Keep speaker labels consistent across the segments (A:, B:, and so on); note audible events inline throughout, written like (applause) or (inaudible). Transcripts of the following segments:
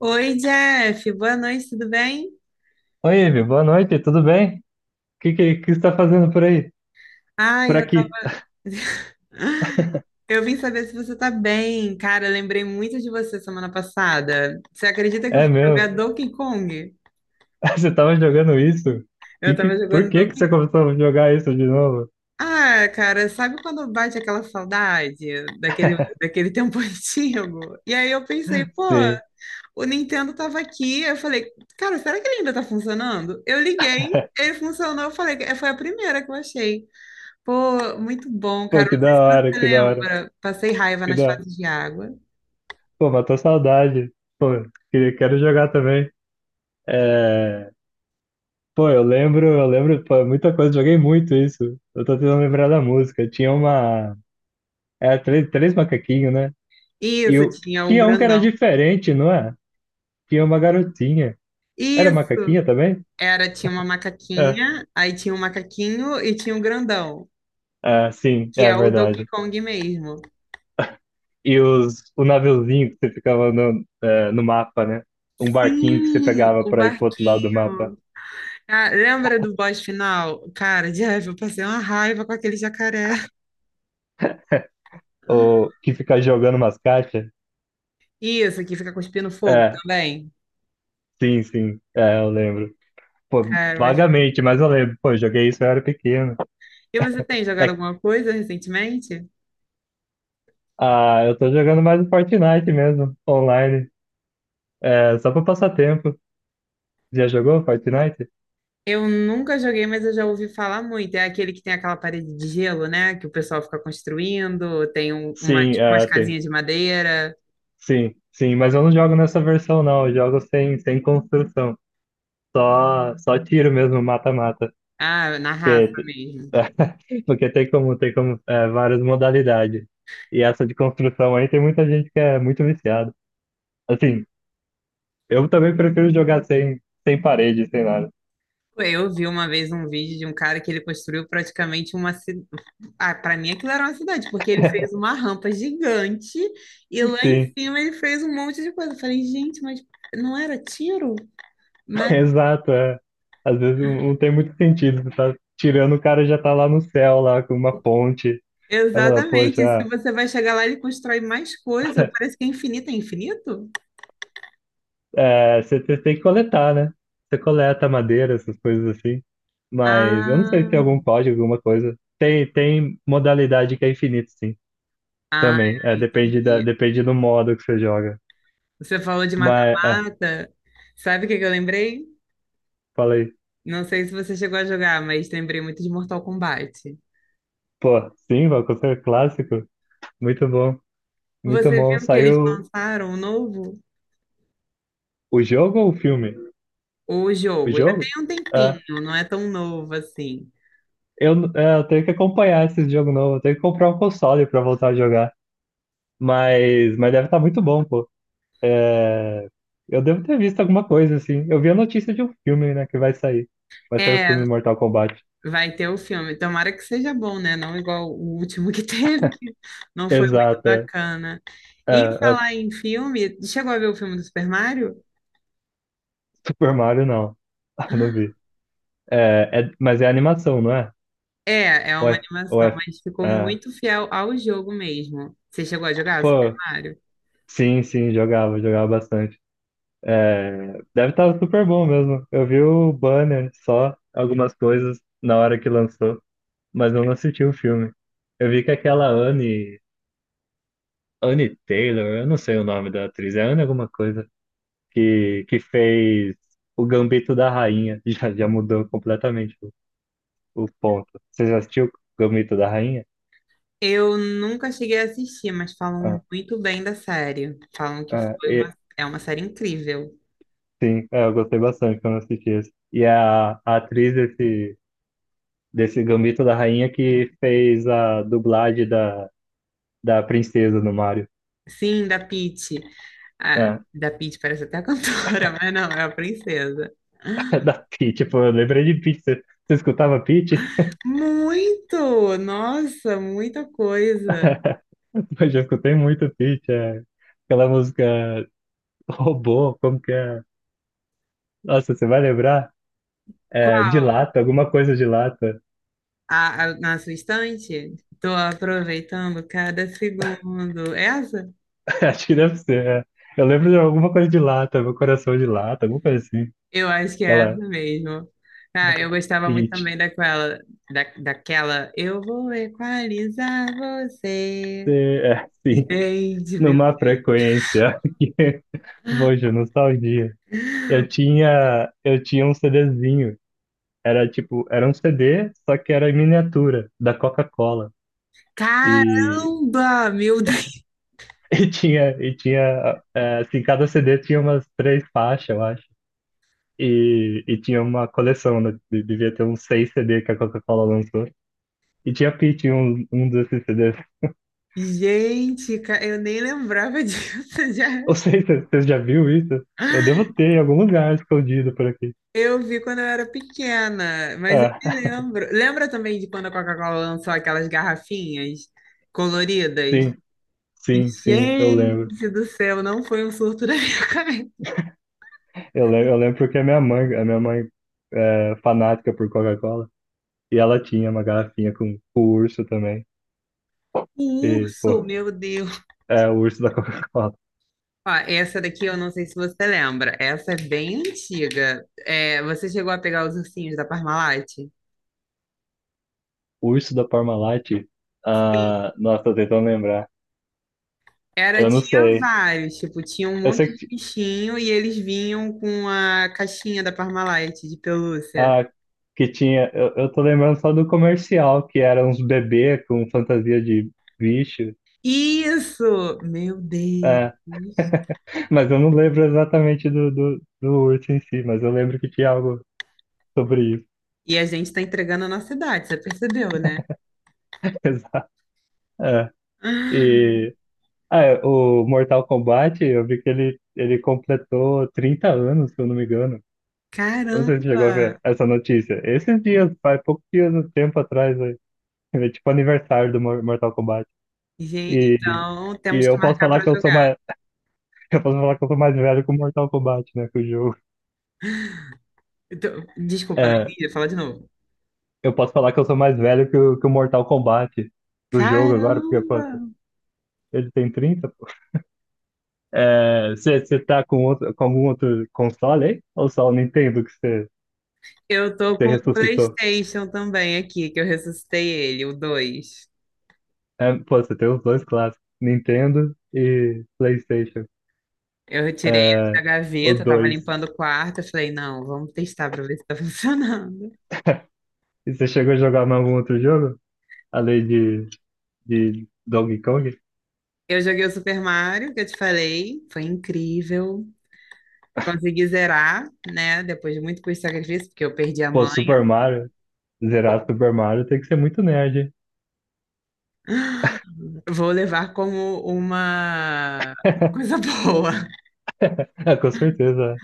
A: Oi, Jeff, boa noite, tudo bem?
B: Oi, Ivi, boa noite, tudo bem? O que, que você está fazendo por aí?
A: Ai,
B: Por
A: eu tava...
B: aqui?
A: (laughs) Eu vim saber se você tá bem. Cara, eu lembrei muito de você semana passada. Você acredita que eu
B: É
A: fui jogar
B: meu,
A: Donkey Kong?
B: (laughs) você estava jogando isso?
A: Eu
B: Que,
A: tava
B: que, por
A: jogando
B: que, que
A: Donkey
B: você
A: Kong.
B: começou a jogar isso de novo?
A: Ah, cara, sabe quando bate aquela saudade daquele tempo (laughs) antigo? E aí eu pensei, pô,
B: Sim,
A: o Nintendo tava aqui. Eu falei, cara, será que ele ainda tá funcionando? Eu liguei, ele funcionou. Eu falei, "É, foi a primeira que eu achei. Pô, muito bom,
B: pô,
A: cara.
B: que
A: Não sei
B: da
A: se
B: hora,
A: você
B: que da hora,
A: lembra. Passei raiva
B: que
A: nas
B: da hora.
A: fases de água.
B: Pô, matou saudade. Pô, quero jogar também. É... Pô, eu lembro, pô, muita coisa, joguei muito isso. Eu tô tentando lembrar da música. Tinha uma. Era três, três macaquinhos, né? E
A: Isso,
B: eu
A: tinha o
B: tinha um que era
A: grandão.
B: diferente, não é? Tinha uma garotinha. Era
A: Isso,
B: macaquinha também?
A: era, tinha uma
B: É.
A: macaquinha, aí tinha um macaquinho e tinha um grandão,
B: Ah, sim,
A: que
B: é
A: é o Donkey
B: verdade.
A: Kong mesmo.
B: E o naviozinho que você ficava no mapa, né? Um barquinho que você
A: Sim,
B: pegava
A: o
B: para ir pro outro lado do mapa,
A: barquinho. Ah, lembra do boss final? Cara, Jeff, eu passei uma raiva com aquele jacaré.
B: ou que fica jogando umas caixas.
A: Isso, que fica cuspindo fogo
B: É,
A: também.
B: sim, sim, é, eu lembro. Pô,
A: Cara, mas...
B: vagamente, mas eu lembro. Pô, eu joguei isso, eu era pequeno.
A: E você tem jogado
B: É,
A: alguma coisa recentemente?
B: ah, eu tô jogando mais o Fortnite mesmo, online. É, só pra passar tempo. Já jogou Fortnite?
A: Eu nunca joguei, mas eu já ouvi falar muito. É aquele que tem aquela parede de gelo, né? Que o pessoal fica construindo, tem uma,
B: Sim,
A: tipo, umas
B: é, tem.
A: casinhas de madeira.
B: Sim, sim, mas eu não jogo nessa versão, não. Eu jogo sem, construção. Só tiro mesmo, mata-mata.
A: Ah, na raça
B: Porque,
A: mesmo.
B: (laughs) porque tem como, várias modalidades. E essa de construção aí tem muita gente que é muito viciada. Assim, eu também prefiro jogar sem parede, sem nada.
A: Eu vi uma vez um vídeo de um cara que ele construiu praticamente uma cidade. Ah, para mim aquilo era uma cidade, porque ele fez uma rampa gigante e lá em
B: Sim,
A: cima ele fez um monte de coisa. Eu falei, gente, mas não era tiro?
B: (laughs)
A: Mas
B: exato, é. Às vezes não tem muito sentido. Você tá tirando, o cara já tá lá no céu, lá com uma ponte. Aí fala, poxa,
A: exatamente, se
B: ah,
A: você vai chegar lá, ele constrói mais coisa. Parece que é infinito, é infinito?
B: é, você tem que coletar, né? Você coleta madeira, essas coisas assim. Mas eu não sei se tem
A: Ah,
B: algum código, alguma coisa. Tem modalidade que é infinito, sim. Também. É, depende
A: entendi.
B: depende do modo que você joga.
A: Você falou de
B: Mas, é,
A: mata-mata. Sabe o que que eu lembrei?
B: falei.
A: Não sei se você chegou a jogar, mas lembrei muito de Mortal Kombat.
B: Pô, sim, Valkyrie clássico. Muito bom. Muito
A: Você
B: bom.
A: viu que eles
B: Saiu
A: lançaram o novo?
B: o jogo ou o filme?
A: O
B: O
A: jogo. Já tem
B: jogo?
A: um
B: É,
A: tempinho, não é tão novo assim.
B: eu tenho que acompanhar esse jogo novo. Eu tenho que comprar um console pra voltar a jogar. Mas deve estar muito bom, pô. É, eu devo ter visto alguma coisa, assim. Eu vi a notícia de um filme, né, que vai sair. Vai sair o
A: É,
B: filme Mortal Kombat.
A: vai ter o filme. Tomara que seja bom, né? Não igual o último que (laughs) teve, que não foi muito
B: Exato, é.
A: bacana.
B: É,
A: Em
B: é,
A: falar em filme, chegou a ver o filme do Super Mario?
B: Super Mario, não. (laughs) Não vi. Mas é animação, não é?
A: É, é
B: Ou
A: uma
B: é, ou
A: animação,
B: é,
A: mas ficou
B: É.
A: muito fiel ao jogo mesmo. Você chegou a jogar Super
B: Pô,
A: Mario?
B: sim, sim, jogava, jogava bastante. É, deve estar super bom mesmo. Eu vi o banner só, algumas coisas na hora que lançou, mas eu não assisti o filme. Eu vi que aquela Anne Taylor, eu não sei o nome da atriz, é Anne alguma coisa, que fez o Gambito da Rainha. (laughs) Já, já mudou completamente o ponto. Você já assistiu o Gambito da Rainha?
A: Eu nunca cheguei a assistir, mas falam
B: Ah,
A: muito bem da série. Falam que
B: ah,
A: foi
B: e-
A: uma, é uma série incrível.
B: sim, é, eu gostei bastante quando assisti esse. E a atriz desse Gambito da Rainha que fez a dublagem da princesa no Mario,
A: Sim, da Peach. Ah,
B: né?
A: da Peach parece até a cantora, (laughs) mas não, é a princesa.
B: (laughs) Da Peach, pô, eu lembrei de Peach. Você escutava Peach?
A: Muito! Nossa, muita coisa.
B: (laughs) Eu já escutei muito Peach, é. Aquela música Robô, como que é? Nossa, você vai lembrar? É, de lata, alguma coisa de lata.
A: Na sua estante? Tô aproveitando cada segundo. É essa?
B: (laughs) Acho que deve ser. É. Eu lembro de alguma coisa de lata, meu coração de lata, alguma coisa assim.
A: Eu acho que é
B: Aquela.
A: essa mesmo. Ah, eu gostava muito
B: Hit.
A: também da, daquela. Eu vou equalizar você.
B: É, sim,
A: Gente, meu.
B: numa frequência. (laughs) Poxa, nostalgia. Eu tinha um CDzinho. Era tipo, era um CD, só que era em miniatura, da Coca-Cola. E,
A: Caramba! Meu (laughs) Deus!
B: (laughs) e tinha, assim, cada CD tinha umas três faixas, eu acho. E tinha uma coleção, né? Devia ter uns seis CD que a Coca-Cola lançou. E tinha Pitty, um desses CDs.
A: Gente, eu nem lembrava disso. (laughs) Já.
B: (laughs) Não sei se você já viu isso. Eu devo ter em algum lugar escondido por aqui.
A: Eu vi quando eu era pequena, mas eu me
B: Ah,
A: lembro. Lembra também de quando a Coca-Cola lançou aquelas garrafinhas
B: (laughs)
A: coloridas?
B: sim, sim, sim, eu lembro.
A: Gente do céu, não foi um surto da minha (laughs) cabeça.
B: Eu lembro, eu lembro porque a minha mãe é fanática por Coca-Cola. E ela tinha uma garrafinha com o urso também.
A: O
B: E, pô,
A: urso, meu Deus.
B: é o urso da (laughs) Coca-Cola.
A: Ó, essa daqui eu não sei se você lembra. Essa é bem antiga. É, você chegou a pegar os ursinhos da Parmalat?
B: O urso da Parmalat. Ah, nossa, tô tentando lembrar.
A: Era,
B: Eu não
A: tinha
B: sei.
A: vários, tipo, tinha um
B: Eu
A: monte
B: sei
A: de
B: que,
A: bichinho e eles vinham com a caixinha da Parmalat de pelúcia.
B: ah, que tinha. Eu tô lembrando só do comercial, que era uns bebê com fantasia de bicho.
A: Isso! Meu
B: É,
A: Deus!
B: (laughs) mas eu não lembro exatamente do urso em si, mas eu lembro que tinha algo sobre isso.
A: E a gente tá entregando a nossa idade, você percebeu, né?
B: (laughs) Exato. É.
A: Ah,
B: E o Mortal Kombat, eu vi que ele completou 30 anos, se eu não me engano. Eu não sei se você chegou a ver
A: caramba!
B: essa notícia. Esses dias, faz poucos dias, um tempo atrás, aí. É tipo aniversário do Mortal Kombat.
A: Gente,
B: E,
A: então
B: e
A: temos
B: eu
A: que
B: posso
A: marcar
B: falar
A: pra
B: que eu sou
A: jogar.
B: uma, Eu posso falar que eu sou mais velho que o Mortal Kombat, né? Que o jogo.
A: Então, desculpa, não
B: É,
A: entendi. Fala de novo.
B: eu posso falar que eu sou mais velho que o, Mortal Kombat do jogo agora, porque, pô,
A: Caramba!
B: ele tem 30, pô. É, você tá com, com algum outro console aí? Ou só o Nintendo que você,
A: Eu tô
B: você
A: com o
B: ressuscitou?
A: PlayStation também aqui, que eu ressuscitei ele, o 2.
B: É, pô, você tem os dois clássicos, Nintendo e PlayStation.
A: Eu retirei ele
B: É,
A: da
B: o
A: gaveta, tava
B: dois.
A: limpando o quarto, eu falei, não, vamos testar pra ver se tá (laughs) funcionando.
B: E você chegou a jogar mais algum outro jogo? Além de Donkey Kong?
A: Eu joguei o Super Mario, que eu te falei, foi incrível. Consegui zerar, né, depois de muito custo e sacrifício, porque eu perdi a
B: Pô,
A: mãe.
B: Super Mario. Zerar Super Mario tem que ser muito nerd, hein?
A: Vou levar como uma
B: (laughs)
A: coisa (laughs) boa.
B: (laughs) Ah, com certeza.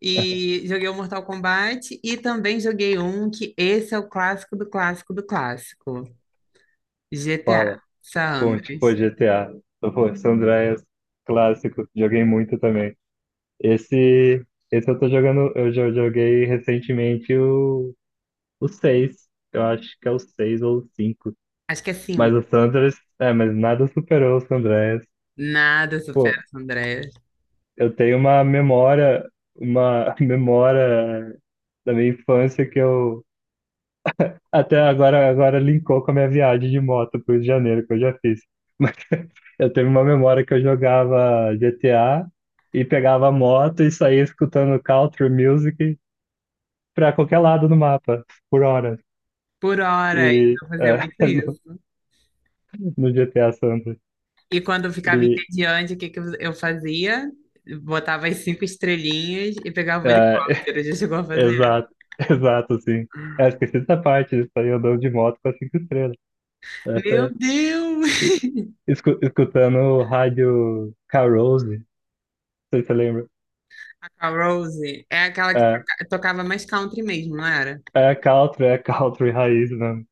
A: E joguei o Mortal Kombat e também joguei um que esse é o clássico do clássico do clássico. GTA,
B: Fala. Conte, pô,
A: Sandres.
B: GTA. Então, pô, San Andreas, clássico. Joguei muito também. Esse, esse eu tô jogando, eu já joguei recentemente o 6. Eu acho que é o 6 ou o 5.
A: Acho que assim,
B: Mas o San Andreas, mas nada superou o San Andreas.
A: nada supera
B: Pô,
A: as Andreas.
B: eu tenho uma memória, uma (laughs) memória da minha infância que eu Até agora, agora linkou com a minha viagem de moto pro Rio de Janeiro que eu já fiz. Mas (laughs) eu tenho uma memória que eu jogava GTA e pegava a moto e saía escutando country music pra qualquer lado do mapa, por horas.
A: Por horas
B: E
A: eu fazia
B: é,
A: muito
B: (laughs) no,
A: isso.
B: no GTA Santos.
A: E quando eu ficava
B: E
A: entediante, o que que eu fazia? Botava as 5 estrelinhas e pegava
B: é,
A: o
B: (laughs)
A: helicóptero. Já chegou a fazer?
B: exato, exato, sim. É, esqueci dessa parte, de sair andando de moto com as cinco estrelas.
A: Meu
B: Essa, é-
A: Deus!
B: escu- escutando rádio Carouse, não sei se você lembra.
A: A Rose é aquela que
B: É,
A: tocava mais country mesmo, não era?
B: é country, é country raiz mesmo.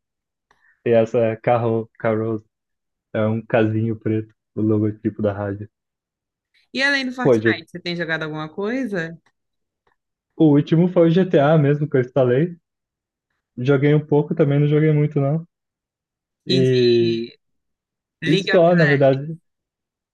B: E essa é Carouse. É um casinho preto, o logotipo da rádio.
A: E além do
B: Pô,
A: Fortnite, você tem jogado alguma coisa?
B: o último foi o GTA mesmo que eu instalei. Joguei um pouco também, não joguei muito não.
A: E de
B: E, e
A: League.
B: só, na verdade.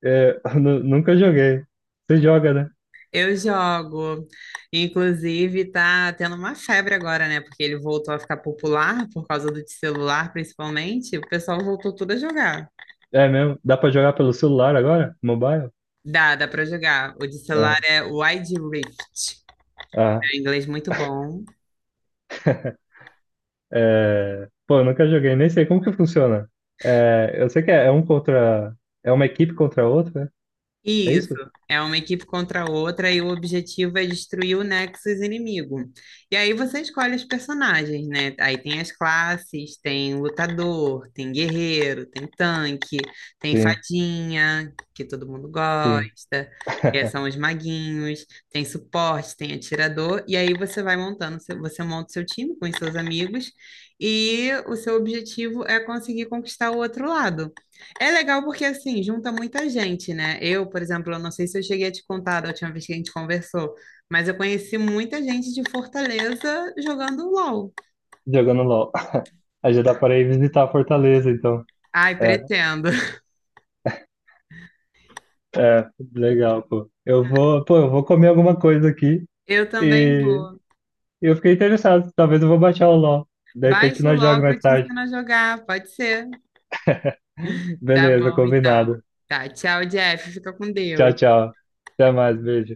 B: É, (laughs) nunca joguei. Você joga, né?
A: Eu jogo. Inclusive, tá tendo uma febre agora, né? Porque ele voltou a ficar popular por causa do de celular, principalmente. O pessoal voltou tudo a jogar.
B: É mesmo? Dá pra jogar pelo celular agora? Mobile?
A: Dá, dá pra jogar. O de
B: Ah,
A: celular é Wide Rift.
B: ah.
A: É um inglês muito bom.
B: (laughs) É, pô, eu nunca joguei, nem sei como que funciona. É, eu sei que é um contra. É uma equipe contra a outra, é
A: Isso,
B: isso?
A: é uma equipe contra a outra e o objetivo é destruir o Nexus inimigo. E aí você escolhe os personagens, né? Aí tem as classes, tem lutador, tem guerreiro, tem tanque, tem
B: Sim.
A: fadinha, que todo mundo
B: Sim,
A: gosta, que
B: (laughs)
A: são os maguinhos, tem suporte, tem atirador, e aí você vai montando, você monta o seu time com os seus amigos e o seu objetivo é conseguir conquistar o outro lado. É legal porque, assim, junta muita gente, né? Eu, por exemplo, eu não sei se eu cheguei a te contar da última vez que a gente conversou, mas eu conheci muita gente de Fortaleza jogando LOL.
B: jogando LOL. (laughs) Aí já dá para ir visitar Fortaleza, então.
A: Ai,
B: É,
A: pretendo. (laughs)
B: é, legal, pô. Eu vou, pô, eu vou comer alguma coisa aqui
A: Eu também
B: e
A: vou.
B: eu fiquei interessado. Talvez eu vou baixar o LOL. De repente
A: Baixa o
B: nós jogamos
A: LOL que eu
B: mais
A: te
B: tarde.
A: ensino a jogar, pode ser?
B: (laughs)
A: Tá
B: Beleza,
A: bom, então.
B: combinado.
A: Tá, tchau, Jeff. Fica com
B: Tchau,
A: Deus.
B: tchau. Até mais, beijo.